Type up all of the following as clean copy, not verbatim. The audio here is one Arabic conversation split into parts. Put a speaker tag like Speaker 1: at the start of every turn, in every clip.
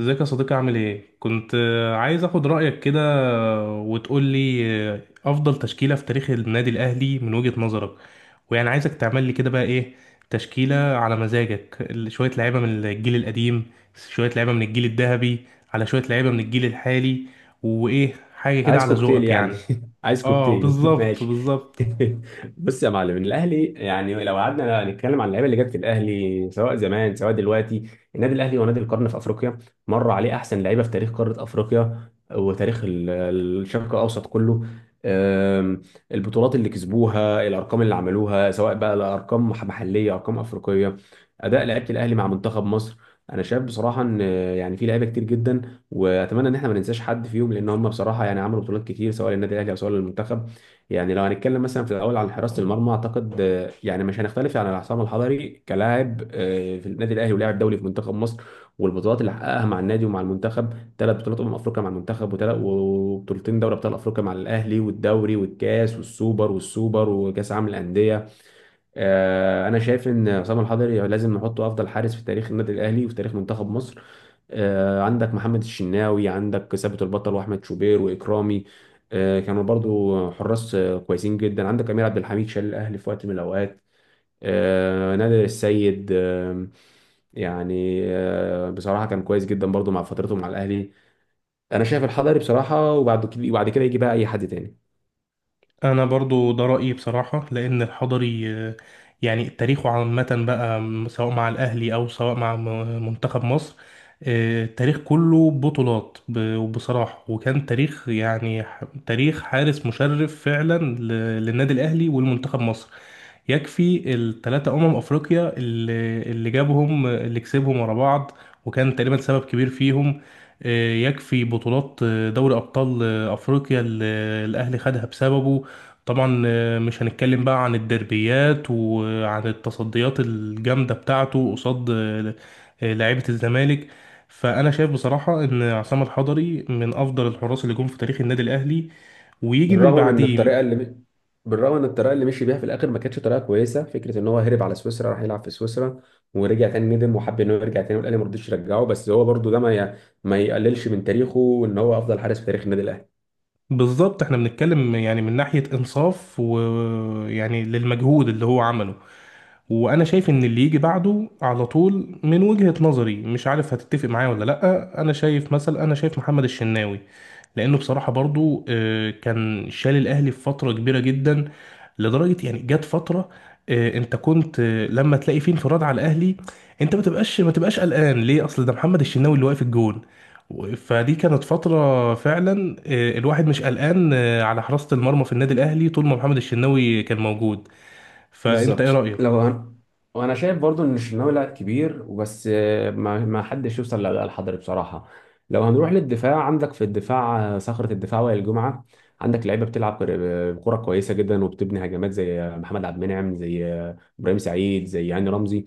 Speaker 1: ازيك يا صديقي، عامل ايه؟ كنت عايز اخد رأيك كده. وتقول لي افضل تشكيلة في تاريخ النادي الاهلي من وجهة نظرك. ويعني عايزك تعمل لي كده بقى ايه، تشكيلة على مزاجك، شوية لعيبة من الجيل القديم، شوية لعيبة من الجيل الذهبي، على شوية لعيبة من الجيل الحالي، وايه حاجة كده
Speaker 2: عايز
Speaker 1: على
Speaker 2: كوكتيل
Speaker 1: ذوقك
Speaker 2: يعني
Speaker 1: يعني.
Speaker 2: عايز
Speaker 1: اه،
Speaker 2: كوكتيل
Speaker 1: بالظبط
Speaker 2: ماشي.
Speaker 1: بالظبط.
Speaker 2: بص يا معلم، الاهلي يعني لو قعدنا نتكلم عن اللعيبه اللي جت في الاهلي سواء زمان سواء دلوقتي، النادي الاهلي هو نادي القرن في افريقيا. مر عليه احسن لعيبه في تاريخ قاره افريقيا وتاريخ الشرق الاوسط كله. أم، البطولات اللي كسبوها، الارقام اللي عملوها سواء بقى لارقام محليه ارقام افريقيه، اداء لعيبه الاهلي مع منتخب مصر، انا شايف بصراحه ان يعني في لعيبه كتير جدا. واتمنى ان احنا ما ننساش حد فيهم، لان هم بصراحه يعني عملوا بطولات كتير سواء للنادي الاهلي او سواء للمنتخب. يعني لو هنتكلم مثلا في الاول عن حراسه المرمى، اعتقد يعني مش هنختلف عن عصام الحضري كلاعب في النادي الاهلي ولاعب دولي في منتخب مصر. والبطولات اللي حققها مع النادي ومع المنتخب، ثلاث بطولات افريقيا مع المنتخب، وبطولتين دوري ابطال افريقيا مع الاهلي، والدوري والكاس والسوبر والسوبر وكاس عالم الانديه. انا شايف ان عصام الحضري لازم نحطه افضل حارس في تاريخ النادي الاهلي وفي تاريخ منتخب مصر. عندك محمد الشناوي، عندك ثابت البطل، واحمد شوبير، واكرامي. كانوا برضو حراس كويسين جدا. عندك امير عبد الحميد شال الاهلي في وقت من الاوقات. نادر السيد، بصراحه كان كويس جدا برضو مع فترته مع الاهلي. انا شايف الحضري بصراحه، وبعد كده يجي بقى اي حد تاني.
Speaker 1: انا برضو ده رأيي بصراحة، لان الحضري يعني تاريخه عامة بقى، سواء مع الاهلي او سواء مع منتخب مصر. التاريخ كله بطولات، وبصراحة وكان تاريخ يعني، تاريخ حارس مشرف فعلا للنادي الاهلي والمنتخب مصر. يكفي الثلاثة أمم أفريقيا اللي جابهم، اللي كسبهم ورا بعض، وكان تقريبا سبب كبير فيهم. يكفي بطولات دوري أبطال أفريقيا اللي الأهلي خدها بسببه. طبعا مش هنتكلم بقى عن الدربيات وعن التصديات الجامدة بتاعته قصاد لعيبة الزمالك. فأنا شايف بصراحة إن عصام الحضري من أفضل الحراس اللي جم في تاريخ النادي الأهلي، ويجي من
Speaker 2: بالرغم من
Speaker 1: بعديه.
Speaker 2: الطريقه اللي بالرغم ان الطريقه اللي مشي بيها في الاخر ما كانتش طريقه كويسه، فكره ان هو هرب على سويسرا راح يلعب في سويسرا، ورجع تاني ندم وحب ان هو يرجع تاني، والاهلي ما رضيش يرجعه. بس هو برضو ده ما ي... ما يقللش من تاريخه، وان هو افضل حارس في تاريخ النادي الاهلي.
Speaker 1: بالظبط، احنا بنتكلم يعني من ناحية انصاف، ويعني للمجهود اللي هو عمله. وانا شايف ان اللي يجي بعده على طول من وجهة نظري، مش عارف هتتفق معايا ولا لا، انا شايف مثلا، انا شايف محمد الشناوي، لانه بصراحة برضو كان شال الاهلي في فترة كبيرة جدا، لدرجة يعني جت فترة انت كنت لما تلاقي فيه انفراد على الاهلي، انت ما تبقاش قلقان ليه، اصل ده محمد الشناوي اللي واقف الجون. فدي كانت فترة فعلا الواحد مش قلقان على حراسة المرمى في النادي الاهلي طول ما محمد الشناوي كان موجود. فانت ايه
Speaker 2: بالظبط.
Speaker 1: رأيك؟
Speaker 2: لو أنا وانا شايف برضو ان الشناوي لاعب كبير وبس، ما حدش يوصل للحضري بصراحه. لو هنروح للدفاع، عندك في الدفاع صخره الدفاع وائل جمعه. عندك لعيبه بتلعب بكره كويسه جدا وبتبني هجمات زي محمد عبد المنعم، زي ابراهيم سعيد، زي هاني رمزي.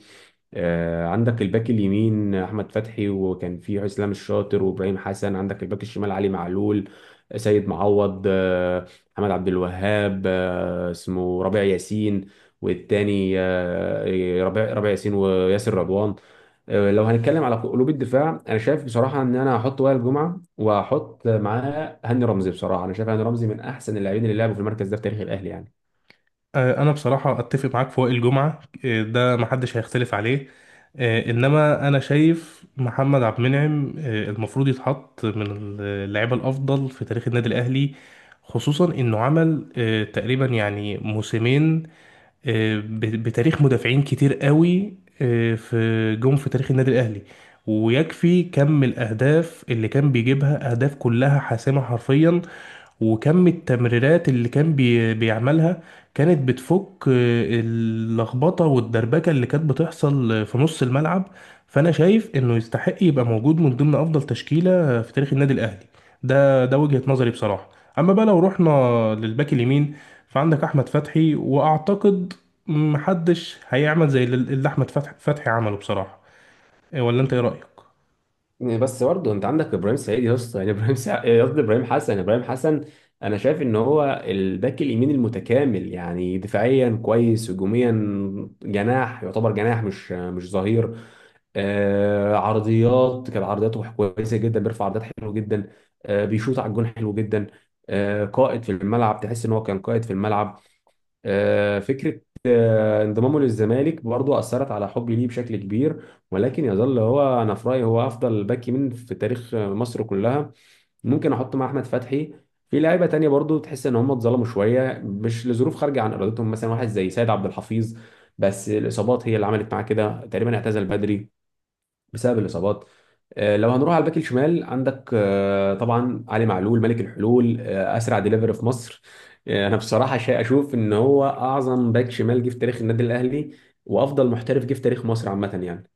Speaker 2: عندك الباك اليمين احمد فتحي، وكان في اسلام الشاطر وابراهيم حسن. عندك الباك الشمال علي معلول، سيد معوض، محمد عبد الوهاب، اسمه ربيع ياسين، والتاني ربيع ياسين وياسر رضوان. لو هنتكلم على قلوب الدفاع، انا شايف بصراحه ان انا هحط وائل جمعه وهحط معاه هاني رمزي. بصراحه انا شايف هاني رمزي من احسن اللاعبين اللي لعبوا في المركز ده في تاريخ الاهلي يعني.
Speaker 1: انا بصراحه اتفق معاك في وائل جمعه. ده محدش هيختلف عليه. انما انا شايف محمد عبد المنعم المفروض يتحط من اللعيبه الافضل في تاريخ النادي الاهلي، خصوصا انه عمل تقريبا يعني موسمين بتاريخ مدافعين كتير قوي في جم في تاريخ النادي الاهلي. ويكفي كم الاهداف اللي كان بيجيبها، اهداف كلها حاسمه حرفيا، وكم التمريرات اللي كان بيعملها، كانت بتفك اللخبطة والدربكة اللي كانت بتحصل في نص الملعب. فأنا شايف إنه يستحق يبقى موجود من ضمن أفضل تشكيلة في تاريخ النادي الأهلي. ده وجهة نظري بصراحة. أما بقى لو رحنا للباك اليمين، فعندك أحمد فتحي، وأعتقد محدش هيعمل زي اللي أحمد فتحي عمله بصراحة. ولا أنت إيه رأيك؟
Speaker 2: بس برضه انت عندك ابراهيم سعيد يا اسطى يعني ابراهيم سع... قصدي ابراهيم حسن. ابراهيم حسن. انا شايف ان هو الباك اليمين المتكامل، يعني دفاعيا كويس، هجوميا جناح، يعتبر جناح مش ظهير. آه، عرضيات، كان عرضياته كويسه جدا، بيرفع عرضيات حلو جدا. آه، بيشوط على الجون حلو جدا. آه، قائد في الملعب، تحس ان هو كان قائد في الملعب. آه، فكره آه، انضمامه للزمالك برضو اثرت على حبي ليه بشكل كبير، ولكن يظل هو. انا في رايي هو افضل باك يمين في تاريخ مصر كلها. ممكن احط مع احمد فتحي في لعيبه تانية برضو تحس ان هم اتظلموا شويه، مش لظروف خارجه عن ارادتهم، مثلا واحد زي سيد عبد الحفيظ، بس الاصابات هي اللي عملت معاه كده، تقريبا اعتزل بدري بسبب الاصابات. لو هنروح على الباك الشمال، عندك طبعا علي معلول، ملك الحلول، اسرع ديليفري في مصر. انا بصراحه شيء اشوف ان هو اعظم باك شمال جه في تاريخ النادي الاهلي، وافضل محترف جه في تاريخ مصر عامه يعني.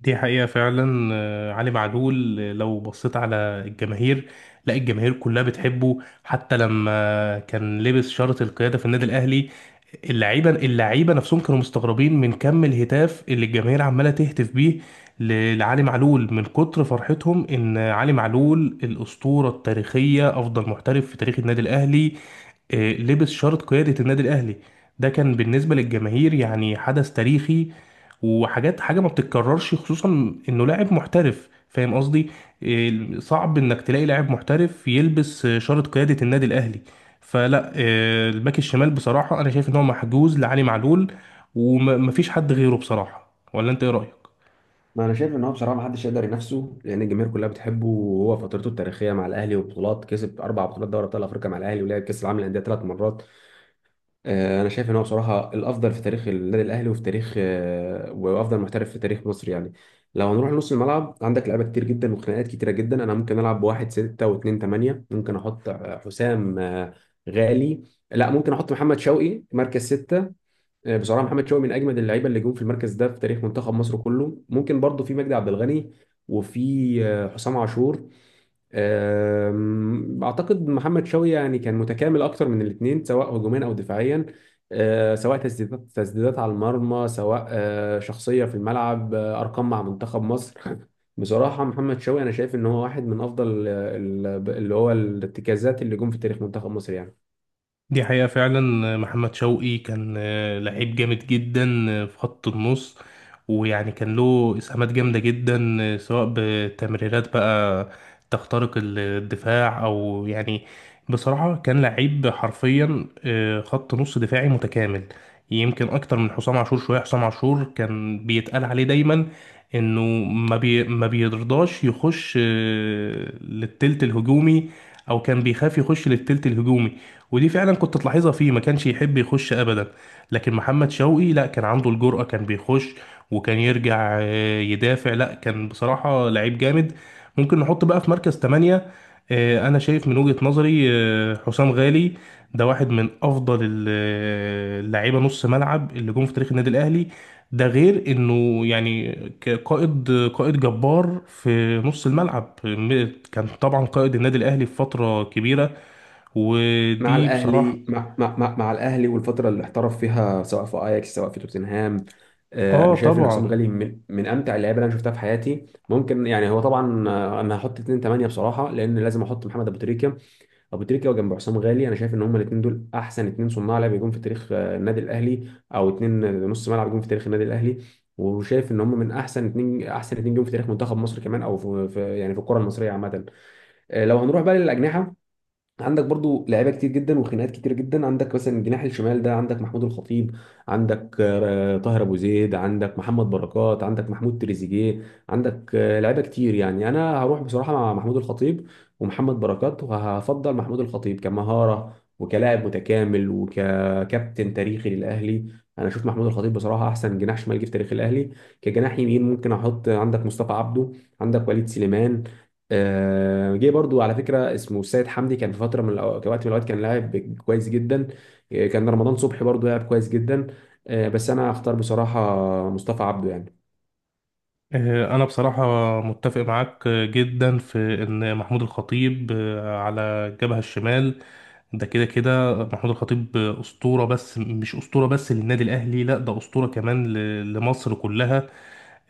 Speaker 1: دي حقيقة فعلا، علي معلول، لو بصيت على الجماهير، لا، الجماهير كلها بتحبه، حتى لما كان لبس شارة القيادة في النادي الأهلي، اللعيبة نفسهم كانوا مستغربين من كم الهتاف اللي الجماهير عمالة تهتف بيه لعلي معلول، من كتر فرحتهم إن علي معلول الأسطورة التاريخية أفضل محترف في تاريخ النادي الأهلي لبس شارة قيادة النادي الأهلي. ده كان بالنسبة للجماهير يعني حدث تاريخي، وحاجات حاجة ما بتتكررش، خصوصا إنه لاعب محترف، فاهم قصدي؟ صعب إنك تلاقي لاعب محترف يلبس شارة قيادة النادي الأهلي. فلا، الباك الشمال بصراحة أنا شايف إن هو محجوز لعلي معلول ومفيش حد غيره بصراحة. ولا أنت إيه رأيك؟
Speaker 2: ما انا شايف ان هو بصراحه ما حدش يقدر ينافسه، لان الجماهير كلها بتحبه. وهو فترته التاريخيه مع الاهلي، وبطولات كسب اربع بطولات دوري ابطال افريقيا مع الاهلي، ولعب كاس العالم للانديه ثلاث مرات. انا شايف ان هو بصراحه الافضل في تاريخ النادي الاهلي وفي تاريخ وافضل محترف في تاريخ مصر يعني. لو هنروح لنص الملعب، عندك لعيبه كتير جدا وخناقات كتيره جدا. انا ممكن العب بواحد ستة واتنين تمانية. ممكن احط آه، حسام آه، غالي. لا، ممكن احط محمد شوقي مركز ستة. بصراحه محمد شوقي من اجمد اللعيبه اللي جم في المركز ده في تاريخ منتخب مصر كله. ممكن برضو في مجدي عبد الغني، وفي حسام عاشور. اعتقد محمد شوقي يعني كان متكامل اكتر من الاثنين، سواء هجوميا او دفاعيا، سواء تسديدات على المرمى، سواء شخصيه في الملعب، ارقام مع منتخب مصر بصراحه محمد شوقي، انا شايف ان هو واحد من افضل اللي هو الارتكازات اللي جم في تاريخ منتخب مصر يعني.
Speaker 1: دي حقيقة فعلا، محمد شوقي كان لعيب جامد جدا في خط النص. ويعني كان له إسهامات جامدة جدا سواء بتمريرات بقى تخترق الدفاع، أو يعني بصراحة كان لعيب حرفيا خط نص دفاعي متكامل. يمكن أكتر من حسام عاشور شوية. حسام عاشور كان بيتقال عليه دايما إنه ما بيرضاش يخش للتلت الهجومي، أو كان بيخاف يخش للتلت الهجومي، ودي فعلا كنت تلاحظها فيه، ما كانش يحب يخش ابدا. لكن محمد شوقي لا، كان عنده الجرأة، كان بيخش وكان يرجع يدافع. لا، كان بصراحة لعيب جامد. ممكن نحط بقى في مركز تمانية. انا شايف من وجهة نظري حسام غالي. ده واحد من افضل اللعيبة نص ملعب اللي جم في تاريخ النادي الاهلي. ده غير انه يعني قائد، قائد جبار في نص الملعب، كان طبعا قائد النادي الاهلي في فترة كبيرة.
Speaker 2: مع
Speaker 1: ودي بصراحة.
Speaker 2: الاهلي مع مع مع, مع الاهلي والفتره اللي احترف فيها سواء في اياكس سواء في توتنهام.
Speaker 1: اه،
Speaker 2: انا شايف ان حسام
Speaker 1: طبعا.
Speaker 2: غالي من امتع اللعيبه اللي انا شفتها في حياتي. ممكن يعني هو طبعا انا هحط 2 8 بصراحه، لان لازم احط محمد ابو تريكه. ابو تريكه وجنب حسام غالي، انا شايف ان هما الاثنين دول احسن اثنين صناع لعب يكون في تاريخ النادي الاهلي، او اثنين نص ملعب يكون في تاريخ النادي الاهلي. وشايف ان هم من احسن اتنين، احسن اتنين جم في تاريخ منتخب مصر كمان، او في يعني في الكره المصريه عامه. لو هنروح بقى للاجنحه، عندك برضو لعيبه كتير جدا وخناقات كتير جدا. عندك مثلا الجناح الشمال ده، عندك محمود الخطيب، عندك طاهر ابو زيد، عندك محمد بركات، عندك محمود تريزيجيه، عندك لعيبه كتير يعني. انا هروح بصراحه مع محمود الخطيب ومحمد بركات، وهفضل محمود الخطيب كمهاره وكلاعب متكامل وككابتن تاريخي للاهلي. انا اشوف محمود الخطيب بصراحه احسن جناح شمال جه في تاريخ الاهلي. كجناح يمين ممكن احط، عندك مصطفى عبده، عندك وليد سليمان. جه برضو على فكره اسمه السيد حمدي، كان في فتره من وقت من الاوقات كان لاعب كويس جدا. كان رمضان صبحي برضو لاعب كويس جدا. بس انا هختار بصراحه مصطفى عبده يعني.
Speaker 1: انا بصراحة متفق معاك جدا في ان محمود الخطيب على الجبهة الشمال، ده كده كده محمود الخطيب أسطورة، بس مش أسطورة بس للنادي الأهلي، لا، ده أسطورة كمان لمصر كلها.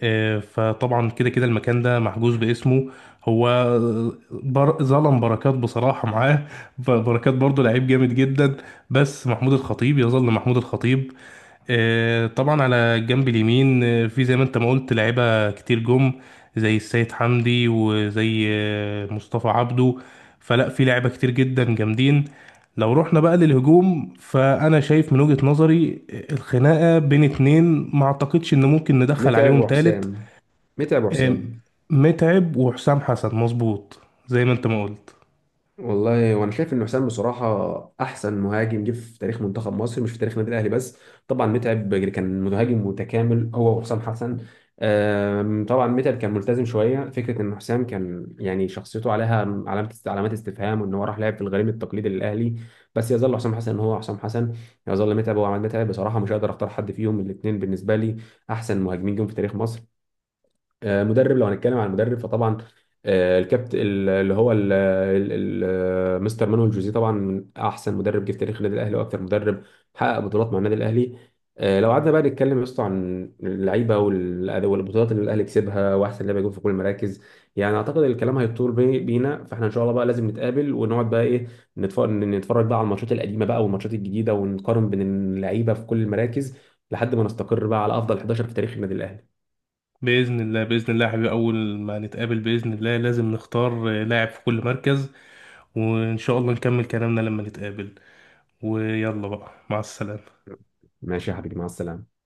Speaker 1: فطبعا كده كده المكان ده محجوز باسمه. هو ظلم بركات بصراحة معاه. بركات برضه لعيب جامد جدا، بس محمود الخطيب يظل محمود الخطيب. طبعا على الجنب اليمين في زي ما انت ما قلت لعيبة كتير جم، زي السيد حمدي وزي مصطفى عبده. فلا، في لعيبة كتير جدا جامدين. لو رحنا بقى للهجوم، فأنا شايف من وجهة نظري الخناقة بين اتنين، ما اعتقدش ان ممكن ندخل
Speaker 2: متعب
Speaker 1: عليهم تالت.
Speaker 2: وحسام. متعب
Speaker 1: آه،
Speaker 2: وحسام
Speaker 1: متعب وحسام حسن، مظبوط زي ما انت ما قلت.
Speaker 2: والله وانا شايف ان حسام بصراحه احسن مهاجم جه في تاريخ منتخب مصر، مش في تاريخ النادي الاهلي بس. طبعا متعب يعني كان مهاجم متكامل هو وحسام حسن. طبعا متعب كان ملتزم شويه، فكره ان حسام كان يعني شخصيته عليها علامات استفهام، وان هو راح لعب في الغريم التقليدي للاهلي. بس يظل حسام حسن هو حسام حسن، يظل متعب هو عماد متعب. بصراحه مش هقدر اختار حد فيهم، الاثنين بالنسبه لي احسن مهاجمين جم في تاريخ مصر. مدرب. لو هنتكلم عن المدرب فطبعا آه، الكابت ال- اللي هو ال- ال- ال- مستر مانويل جوزيه طبعا من احسن مدرب جه في تاريخ النادي الاهلي، واكثر مدرب حقق بطولات مع النادي الاهلي. لو قعدنا بقى نتكلم يا اسطى عن اللعيبه والبطولات اللي الاهلي كسبها واحسن لعيبه جم في كل المراكز، يعني اعتقد الكلام هيطول بينا. فاحنا ان شاء الله بقى لازم نتقابل ونقعد بقى ايه، نتفرج بقى على الماتشات القديمه بقى والماتشات الجديده، ونقارن بين اللعيبه في كل المراكز لحد ما نستقر بقى على افضل 11 في تاريخ النادي الاهلي.
Speaker 1: بإذن الله، بإذن الله يا حبيبي، أول ما نتقابل بإذن الله لازم نختار لاعب في كل مركز، وإن شاء الله نكمل كلامنا لما نتقابل. ويلا بقى، مع السلامة.
Speaker 2: ماشي يا حبيبي، مع السلامة.